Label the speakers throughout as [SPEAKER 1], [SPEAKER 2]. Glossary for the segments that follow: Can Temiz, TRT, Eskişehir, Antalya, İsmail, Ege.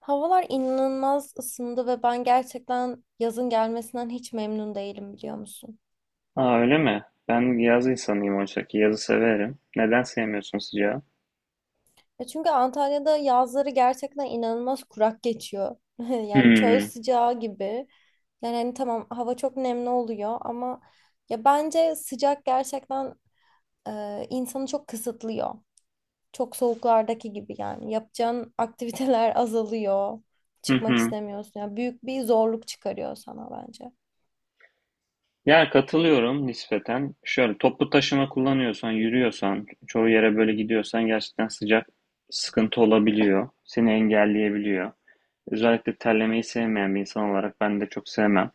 [SPEAKER 1] Havalar inanılmaz ısındı ve ben gerçekten yazın gelmesinden hiç memnun değilim biliyor musun?
[SPEAKER 2] Aa, öyle mi? Ben yaz insanıyım oysa ki yazı severim. Neden sevmiyorsun sıcağı?
[SPEAKER 1] Ya çünkü Antalya'da yazları gerçekten inanılmaz kurak geçiyor. Yani çöl
[SPEAKER 2] Hmm.
[SPEAKER 1] sıcağı gibi. Yani hani tamam hava çok nemli oluyor ama ya bence sıcak gerçekten insanı çok kısıtlıyor. Çok soğuklardaki gibi yani. Yapacağın aktiviteler azalıyor.
[SPEAKER 2] Hı
[SPEAKER 1] Çıkmak
[SPEAKER 2] hı.
[SPEAKER 1] istemiyorsun. Yani büyük bir zorluk çıkarıyor sana bence.
[SPEAKER 2] Yani katılıyorum nispeten. Şöyle toplu taşıma kullanıyorsan, yürüyorsan, çoğu yere böyle gidiyorsan gerçekten sıcak sıkıntı olabiliyor. Seni engelleyebiliyor. Özellikle terlemeyi sevmeyen bir insan olarak ben de çok sevmem.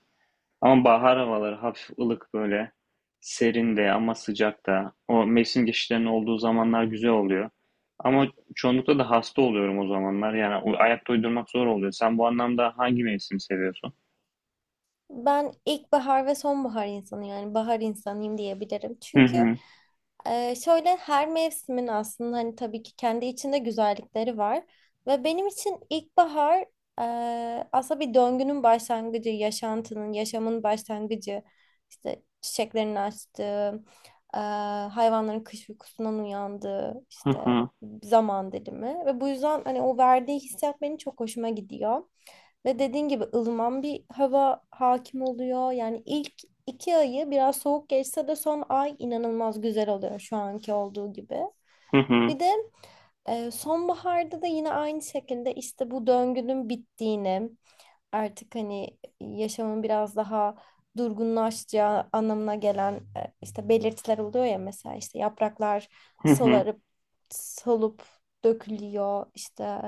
[SPEAKER 2] Ama bahar havaları hafif ılık böyle. Serin de ama sıcak da. O mevsim geçişlerinin olduğu zamanlar güzel oluyor. Ama çoğunlukla da hasta oluyorum o zamanlar. Yani ayakta uydurmak zor oluyor. Sen bu anlamda hangi mevsimi seviyorsun?
[SPEAKER 1] Ben ilkbahar ve sonbahar insanı yani bahar insanıyım diyebilirim.
[SPEAKER 2] Hı
[SPEAKER 1] Çünkü
[SPEAKER 2] hı.
[SPEAKER 1] şöyle her mevsimin aslında hani tabii ki kendi içinde güzellikleri var. Ve benim için ilkbahar aslında bir döngünün başlangıcı, yaşantının, yaşamın başlangıcı. İşte çiçeklerin açtığı, e, hayvanların kış uykusundan uyandığı
[SPEAKER 2] Hı
[SPEAKER 1] işte
[SPEAKER 2] hı.
[SPEAKER 1] zaman dilimi. Ve bu yüzden hani o verdiği hissiyat benim çok hoşuma gidiyor. Ve dediğin gibi ılıman bir hava hakim oluyor. Yani ilk iki ayı biraz soğuk geçse de son ay inanılmaz güzel oluyor şu anki olduğu gibi.
[SPEAKER 2] Hı hı.
[SPEAKER 1] Bir de sonbaharda da yine aynı şekilde işte bu döngünün bittiğini, artık hani yaşamın biraz daha durgunlaşacağı anlamına gelen işte belirtiler oluyor ya mesela işte yapraklar
[SPEAKER 2] Hı hı.
[SPEAKER 1] solarıp solup dökülüyor işte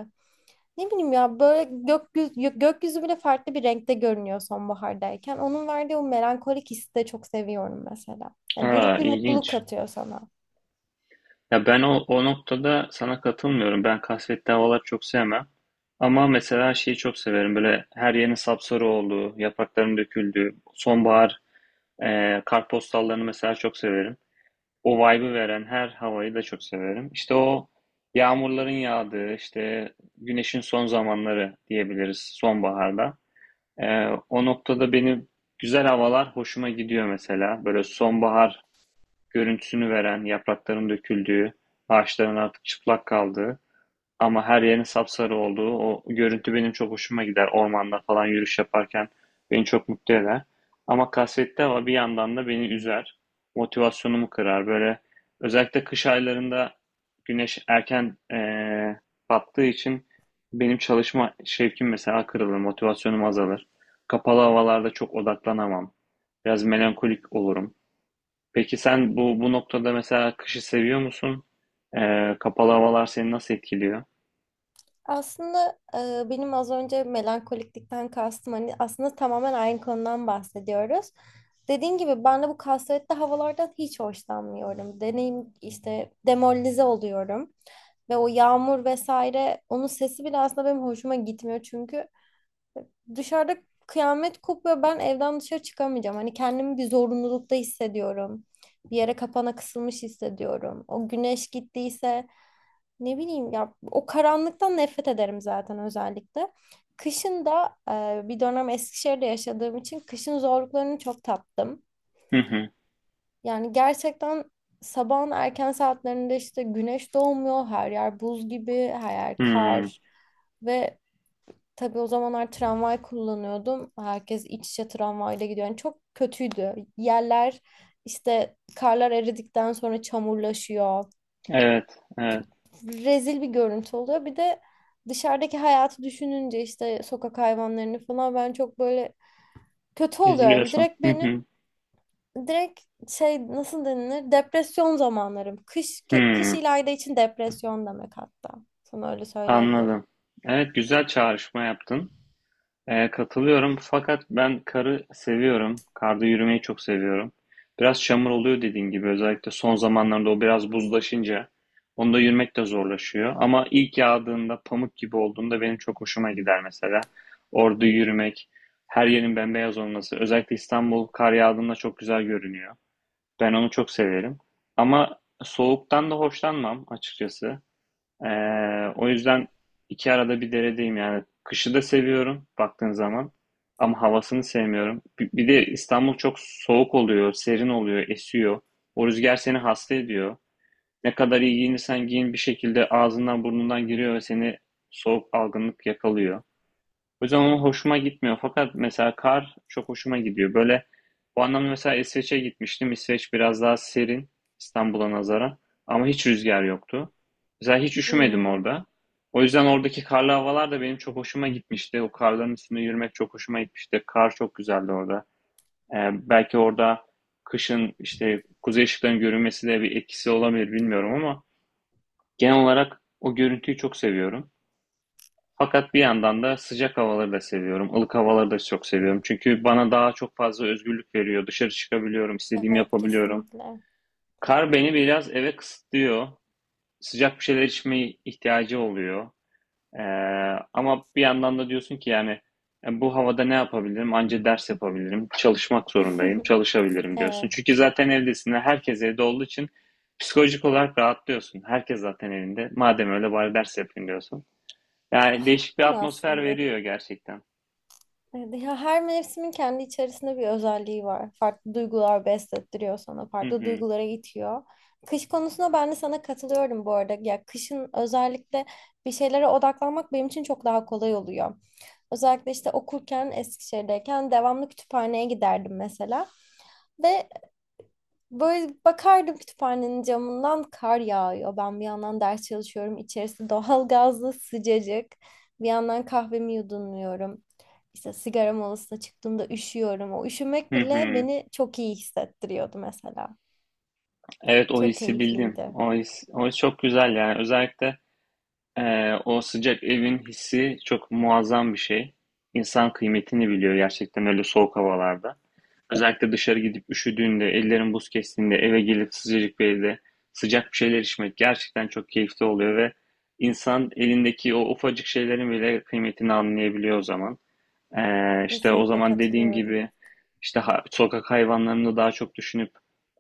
[SPEAKER 1] ne bileyim ya böyle gökyüzü bile farklı bir renkte görünüyor sonbahardayken. Onun verdiği o melankolik hissi de çok seviyorum mesela. Yani buruk
[SPEAKER 2] Aa,
[SPEAKER 1] bir mutluluk
[SPEAKER 2] ilginç.
[SPEAKER 1] katıyor sana.
[SPEAKER 2] Ya ben o noktada sana katılmıyorum. Ben kasvetli havaları çok sevmem. Ama mesela şeyi çok severim. Böyle her yerin sapsarı olduğu, yaprakların döküldüğü, sonbahar kartpostallarını mesela çok severim. O vibe'ı veren her havayı da çok severim. İşte o yağmurların yağdığı, işte güneşin son zamanları diyebiliriz sonbaharda. O noktada benim güzel havalar hoşuma gidiyor mesela. Böyle sonbahar görüntüsünü veren, yaprakların döküldüğü, ağaçların artık çıplak kaldığı. Ama her yerin sapsarı olduğu o görüntü benim çok hoşuma gider. Ormanda falan yürüyüş yaparken beni çok mutlu eder. Ama kasvetli hava bir yandan da beni üzer. Motivasyonumu kırar. Böyle özellikle kış aylarında güneş erken battığı için benim çalışma şevkim mesela kırılır. Motivasyonum azalır. Kapalı havalarda çok odaklanamam. Biraz melankolik olurum. Peki sen bu noktada mesela kışı seviyor musun? Kapalı havalar seni nasıl etkiliyor?
[SPEAKER 1] Aslında benim az önce melankoliklikten kastım hani aslında tamamen aynı konudan bahsediyoruz. Dediğim gibi ben de bu kasvetli havalardan hiç hoşlanmıyorum. Deneyim işte demoralize oluyorum. Ve o yağmur vesaire onun sesi bile aslında benim hoşuma gitmiyor çünkü dışarıda kıyamet kopuyor. Ben evden dışarı çıkamayacağım. Hani kendimi bir zorunlulukta hissediyorum. Bir yere kapana kısılmış hissediyorum. O güneş gittiyse ne bileyim ya o karanlıktan nefret ederim zaten özellikle. Kışın da bir dönem Eskişehir'de yaşadığım için kışın zorluklarını çok tattım.
[SPEAKER 2] Hı hı.
[SPEAKER 1] Yani gerçekten sabahın erken saatlerinde işte güneş doğmuyor. Her yer buz gibi, her yer
[SPEAKER 2] Hmm.
[SPEAKER 1] kar ve tabii o zamanlar tramvay kullanıyordum. Herkes iç içe tramvayla gidiyor. Yani çok kötüydü. Yerler işte karlar eridikten sonra çamurlaşıyor.
[SPEAKER 2] Evet, evet.
[SPEAKER 1] Rezil bir görüntü oluyor. Bir de dışarıdaki hayatı düşününce işte sokak hayvanlarını falan ben çok böyle kötü oluyorum.
[SPEAKER 2] Üzülüyorsun.
[SPEAKER 1] Direkt
[SPEAKER 2] Hı hı.
[SPEAKER 1] benim direkt şey nasıl denilir? Depresyon zamanlarım. Kış
[SPEAKER 2] Hımm.
[SPEAKER 1] İlayda için depresyon demek hatta. Sana öyle söyleyebilirim.
[SPEAKER 2] Anladım. Evet, güzel çağrışma yaptın. Katılıyorum fakat ben karı seviyorum. Karda yürümeyi çok seviyorum. Biraz çamur oluyor dediğin gibi. Özellikle son zamanlarda o biraz buzlaşınca onda yürümek de zorlaşıyor. Ama ilk yağdığında, pamuk gibi olduğunda benim çok hoşuma gider mesela. Orada yürümek, her yerin bembeyaz olması. Özellikle İstanbul kar yağdığında çok güzel görünüyor. Ben onu çok severim. Ama soğuktan da hoşlanmam açıkçası. Ee, O yüzden iki arada bir deredeyim yani. Kışı da seviyorum baktığın zaman. Ama havasını sevmiyorum. Bir de İstanbul çok soğuk oluyor, serin oluyor, esiyor. O rüzgar seni hasta ediyor. Ne kadar iyi giyinirsen giyin bir şekilde ağzından burnundan giriyor ve seni soğuk algınlık yakalıyor. O yüzden o hoşuma gitmiyor. Fakat mesela kar çok hoşuma gidiyor. Böyle bu anlamda mesela İsveç'e gitmiştim. İsveç biraz daha serin İstanbul'a nazaran. Ama hiç rüzgar yoktu. Mesela hiç üşümedim
[SPEAKER 1] Hmm,
[SPEAKER 2] orada. O yüzden oradaki karlı havalar da benim çok hoşuma gitmişti. O karların üstünde yürümek çok hoşuma gitmişti. Kar çok güzeldi orada. Ee, Belki orada kışın işte kuzey ışıklarının görünmesi de bir etkisi olabilir bilmiyorum ama genel olarak o görüntüyü çok seviyorum. Fakat bir yandan da sıcak havaları da seviyorum. Ilık havaları da çok seviyorum. Çünkü bana daha çok fazla özgürlük veriyor. Dışarı çıkabiliyorum, istediğimi
[SPEAKER 1] evet
[SPEAKER 2] yapabiliyorum.
[SPEAKER 1] kesinlikle.
[SPEAKER 2] Kar beni biraz eve kısıtlıyor. Sıcak bir şeyler içmeye ihtiyacı oluyor. Ee, Ama bir yandan da diyorsun ki yani bu havada ne yapabilirim? Anca ders yapabilirim. Çalışmak zorundayım. Çalışabilirim diyorsun.
[SPEAKER 1] Evet,
[SPEAKER 2] Çünkü zaten evdesin. Ve herkes evde olduğu için psikolojik olarak rahatlıyorsun. Herkes zaten evinde. Madem öyle bari ders yapayım diyorsun. Yani değişik bir atmosfer
[SPEAKER 1] aslında.
[SPEAKER 2] veriyor gerçekten.
[SPEAKER 1] Evet, ya her mevsimin kendi içerisinde bir özelliği var. Farklı duygular beslettiriyor sana,
[SPEAKER 2] Hı
[SPEAKER 1] farklı
[SPEAKER 2] hı.
[SPEAKER 1] duygulara itiyor. Kış konusunda ben de sana katılıyorum bu arada. Ya kışın özellikle bir şeylere odaklanmak benim için çok daha kolay oluyor. Özellikle işte okurken Eskişehir'deyken devamlı kütüphaneye giderdim mesela. Ve böyle bakardım kütüphanenin camından kar yağıyor. Ben bir yandan ders çalışıyorum. İçerisi doğal gazlı sıcacık. Bir yandan kahvemi yudumluyorum. İşte sigara molasına çıktığımda üşüyorum. O üşümek
[SPEAKER 2] Hı
[SPEAKER 1] bile
[SPEAKER 2] hı.
[SPEAKER 1] beni çok iyi hissettiriyordu mesela.
[SPEAKER 2] Evet, o
[SPEAKER 1] Çok
[SPEAKER 2] hissi bildim.
[SPEAKER 1] keyifliydi.
[SPEAKER 2] O his çok güzel yani. Özellikle o sıcak evin hissi çok muazzam bir şey. İnsan kıymetini biliyor gerçekten öyle soğuk havalarda. Özellikle dışarı gidip üşüdüğünde, ellerin buz kestiğinde, eve gelip sıcacık bir evde sıcak bir şeyler içmek gerçekten çok keyifli oluyor ve insan elindeki o ufacık şeylerin bile kıymetini anlayabiliyor o zaman. İşte o
[SPEAKER 1] Kesinlikle
[SPEAKER 2] zaman dediğin
[SPEAKER 1] katılıyorum.
[SPEAKER 2] gibi işte sokak hayvanlarını daha çok düşünüp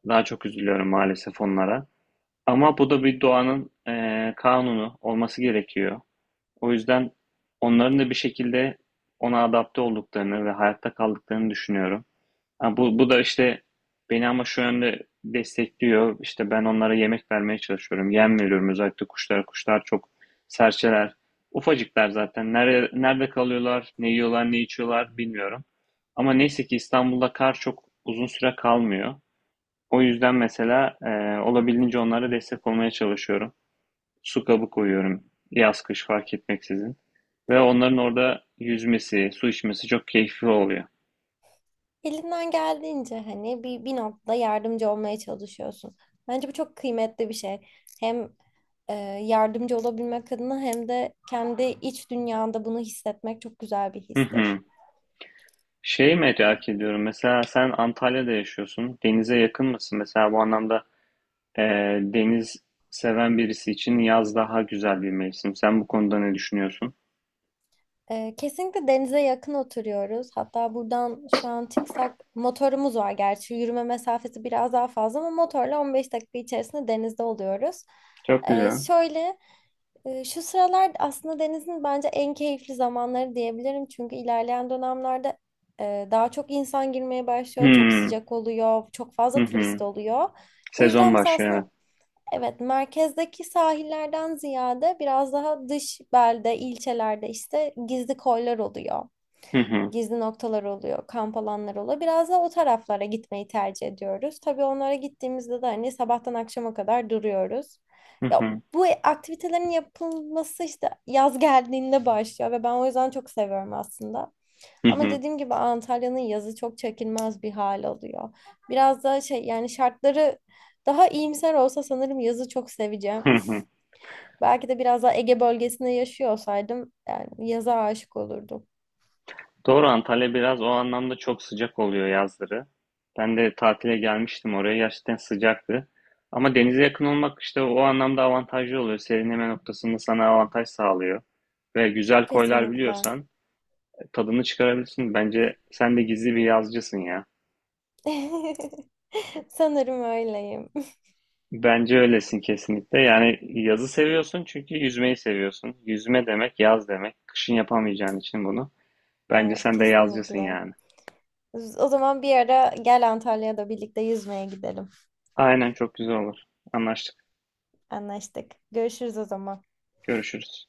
[SPEAKER 2] daha çok üzülüyorum maalesef onlara. Ama bu da bir doğanın kanunu olması gerekiyor. O yüzden onların da bir şekilde ona adapte olduklarını ve hayatta kaldıklarını düşünüyorum. Ha, bu da işte beni ama şu yönde destekliyor. İşte ben onlara yemek vermeye çalışıyorum. Yem veriyorum özellikle kuşlara. Kuşlar çok serçeler. Ufacıklar zaten. Nerede kalıyorlar, ne yiyorlar, ne içiyorlar bilmiyorum. Ama neyse ki İstanbul'da kar çok uzun süre kalmıyor. O yüzden mesela olabildiğince onlara destek olmaya çalışıyorum. Su kabı koyuyorum. Yaz kış fark etmeksizin. Ve onların orada yüzmesi, su içmesi çok keyifli oluyor.
[SPEAKER 1] Elinden geldiğince hani bir noktada yardımcı olmaya çalışıyorsun. Bence bu çok kıymetli bir şey. Hem e, yardımcı olabilmek adına hem de kendi iç dünyanda bunu hissetmek çok güzel bir
[SPEAKER 2] Hı
[SPEAKER 1] histir.
[SPEAKER 2] hı. Şeyi merak ediyorum. Mesela sen Antalya'da yaşıyorsun. Denize yakın mısın? Mesela bu anlamda e, deniz seven birisi için yaz daha güzel bir mevsim. Sen bu konuda ne düşünüyorsun?
[SPEAKER 1] Kesinlikle denize yakın oturuyoruz. Hatta buradan şu an çıksak motorumuz var gerçi. Yürüme mesafesi biraz daha fazla ama motorla 15 dakika içerisinde denizde oluyoruz.
[SPEAKER 2] Çok
[SPEAKER 1] Ee,
[SPEAKER 2] güzel.
[SPEAKER 1] şöyle Şu sıralar aslında denizin bence en keyifli zamanları diyebilirim. Çünkü ilerleyen dönemlerde daha çok insan girmeye başlıyor. Çok
[SPEAKER 2] Hmm.
[SPEAKER 1] sıcak oluyor. Çok
[SPEAKER 2] Hı
[SPEAKER 1] fazla turist
[SPEAKER 2] hı.
[SPEAKER 1] oluyor. Bu
[SPEAKER 2] Sezon
[SPEAKER 1] yüzden biz
[SPEAKER 2] başlıyor.
[SPEAKER 1] aslında
[SPEAKER 2] Evet.
[SPEAKER 1] evet, merkezdeki sahillerden ziyade biraz daha dış belde, ilçelerde işte gizli koylar oluyor.
[SPEAKER 2] Hı hı.
[SPEAKER 1] Gizli noktalar oluyor, kamp alanları oluyor. Biraz da o taraflara gitmeyi tercih ediyoruz. Tabii onlara gittiğimizde de hani sabahtan akşama kadar duruyoruz.
[SPEAKER 2] Hı
[SPEAKER 1] Ya
[SPEAKER 2] hı.
[SPEAKER 1] bu aktivitelerin yapılması işte yaz geldiğinde başlıyor ve ben o yüzden çok seviyorum aslında.
[SPEAKER 2] Hı
[SPEAKER 1] Ama
[SPEAKER 2] hı.
[SPEAKER 1] dediğim gibi Antalya'nın yazı çok çekilmez bir hal alıyor. Biraz da şey yani şartları daha iyimser olsa sanırım yazı çok seveceğim.
[SPEAKER 2] Hı hı.
[SPEAKER 1] Belki de biraz daha Ege bölgesinde yaşıyor olsaydım yani yaza aşık olurdum.
[SPEAKER 2] Doğru, Antalya biraz o anlamda çok sıcak oluyor yazları. Ben de tatile gelmiştim oraya, gerçekten sıcaktı. Ama denize yakın olmak işte o anlamda avantajlı oluyor. Serinleme noktasında sana avantaj sağlıyor. Ve güzel koylar
[SPEAKER 1] Kesinlikle.
[SPEAKER 2] biliyorsan tadını çıkarabilirsin. Bence sen de gizli bir yazcısın ya.
[SPEAKER 1] Sanırım öyleyim.
[SPEAKER 2] Bence öylesin kesinlikle. Yani yazı seviyorsun çünkü yüzmeyi seviyorsun. Yüzme demek yaz demek. Kışın yapamayacağın için bunu. Bence
[SPEAKER 1] Evet,
[SPEAKER 2] sen de yazcısın
[SPEAKER 1] kesinlikle.
[SPEAKER 2] yani.
[SPEAKER 1] O zaman bir ara gel Antalya'da birlikte yüzmeye gidelim.
[SPEAKER 2] Aynen, çok güzel olur. Anlaştık.
[SPEAKER 1] Anlaştık. Görüşürüz o zaman.
[SPEAKER 2] Görüşürüz.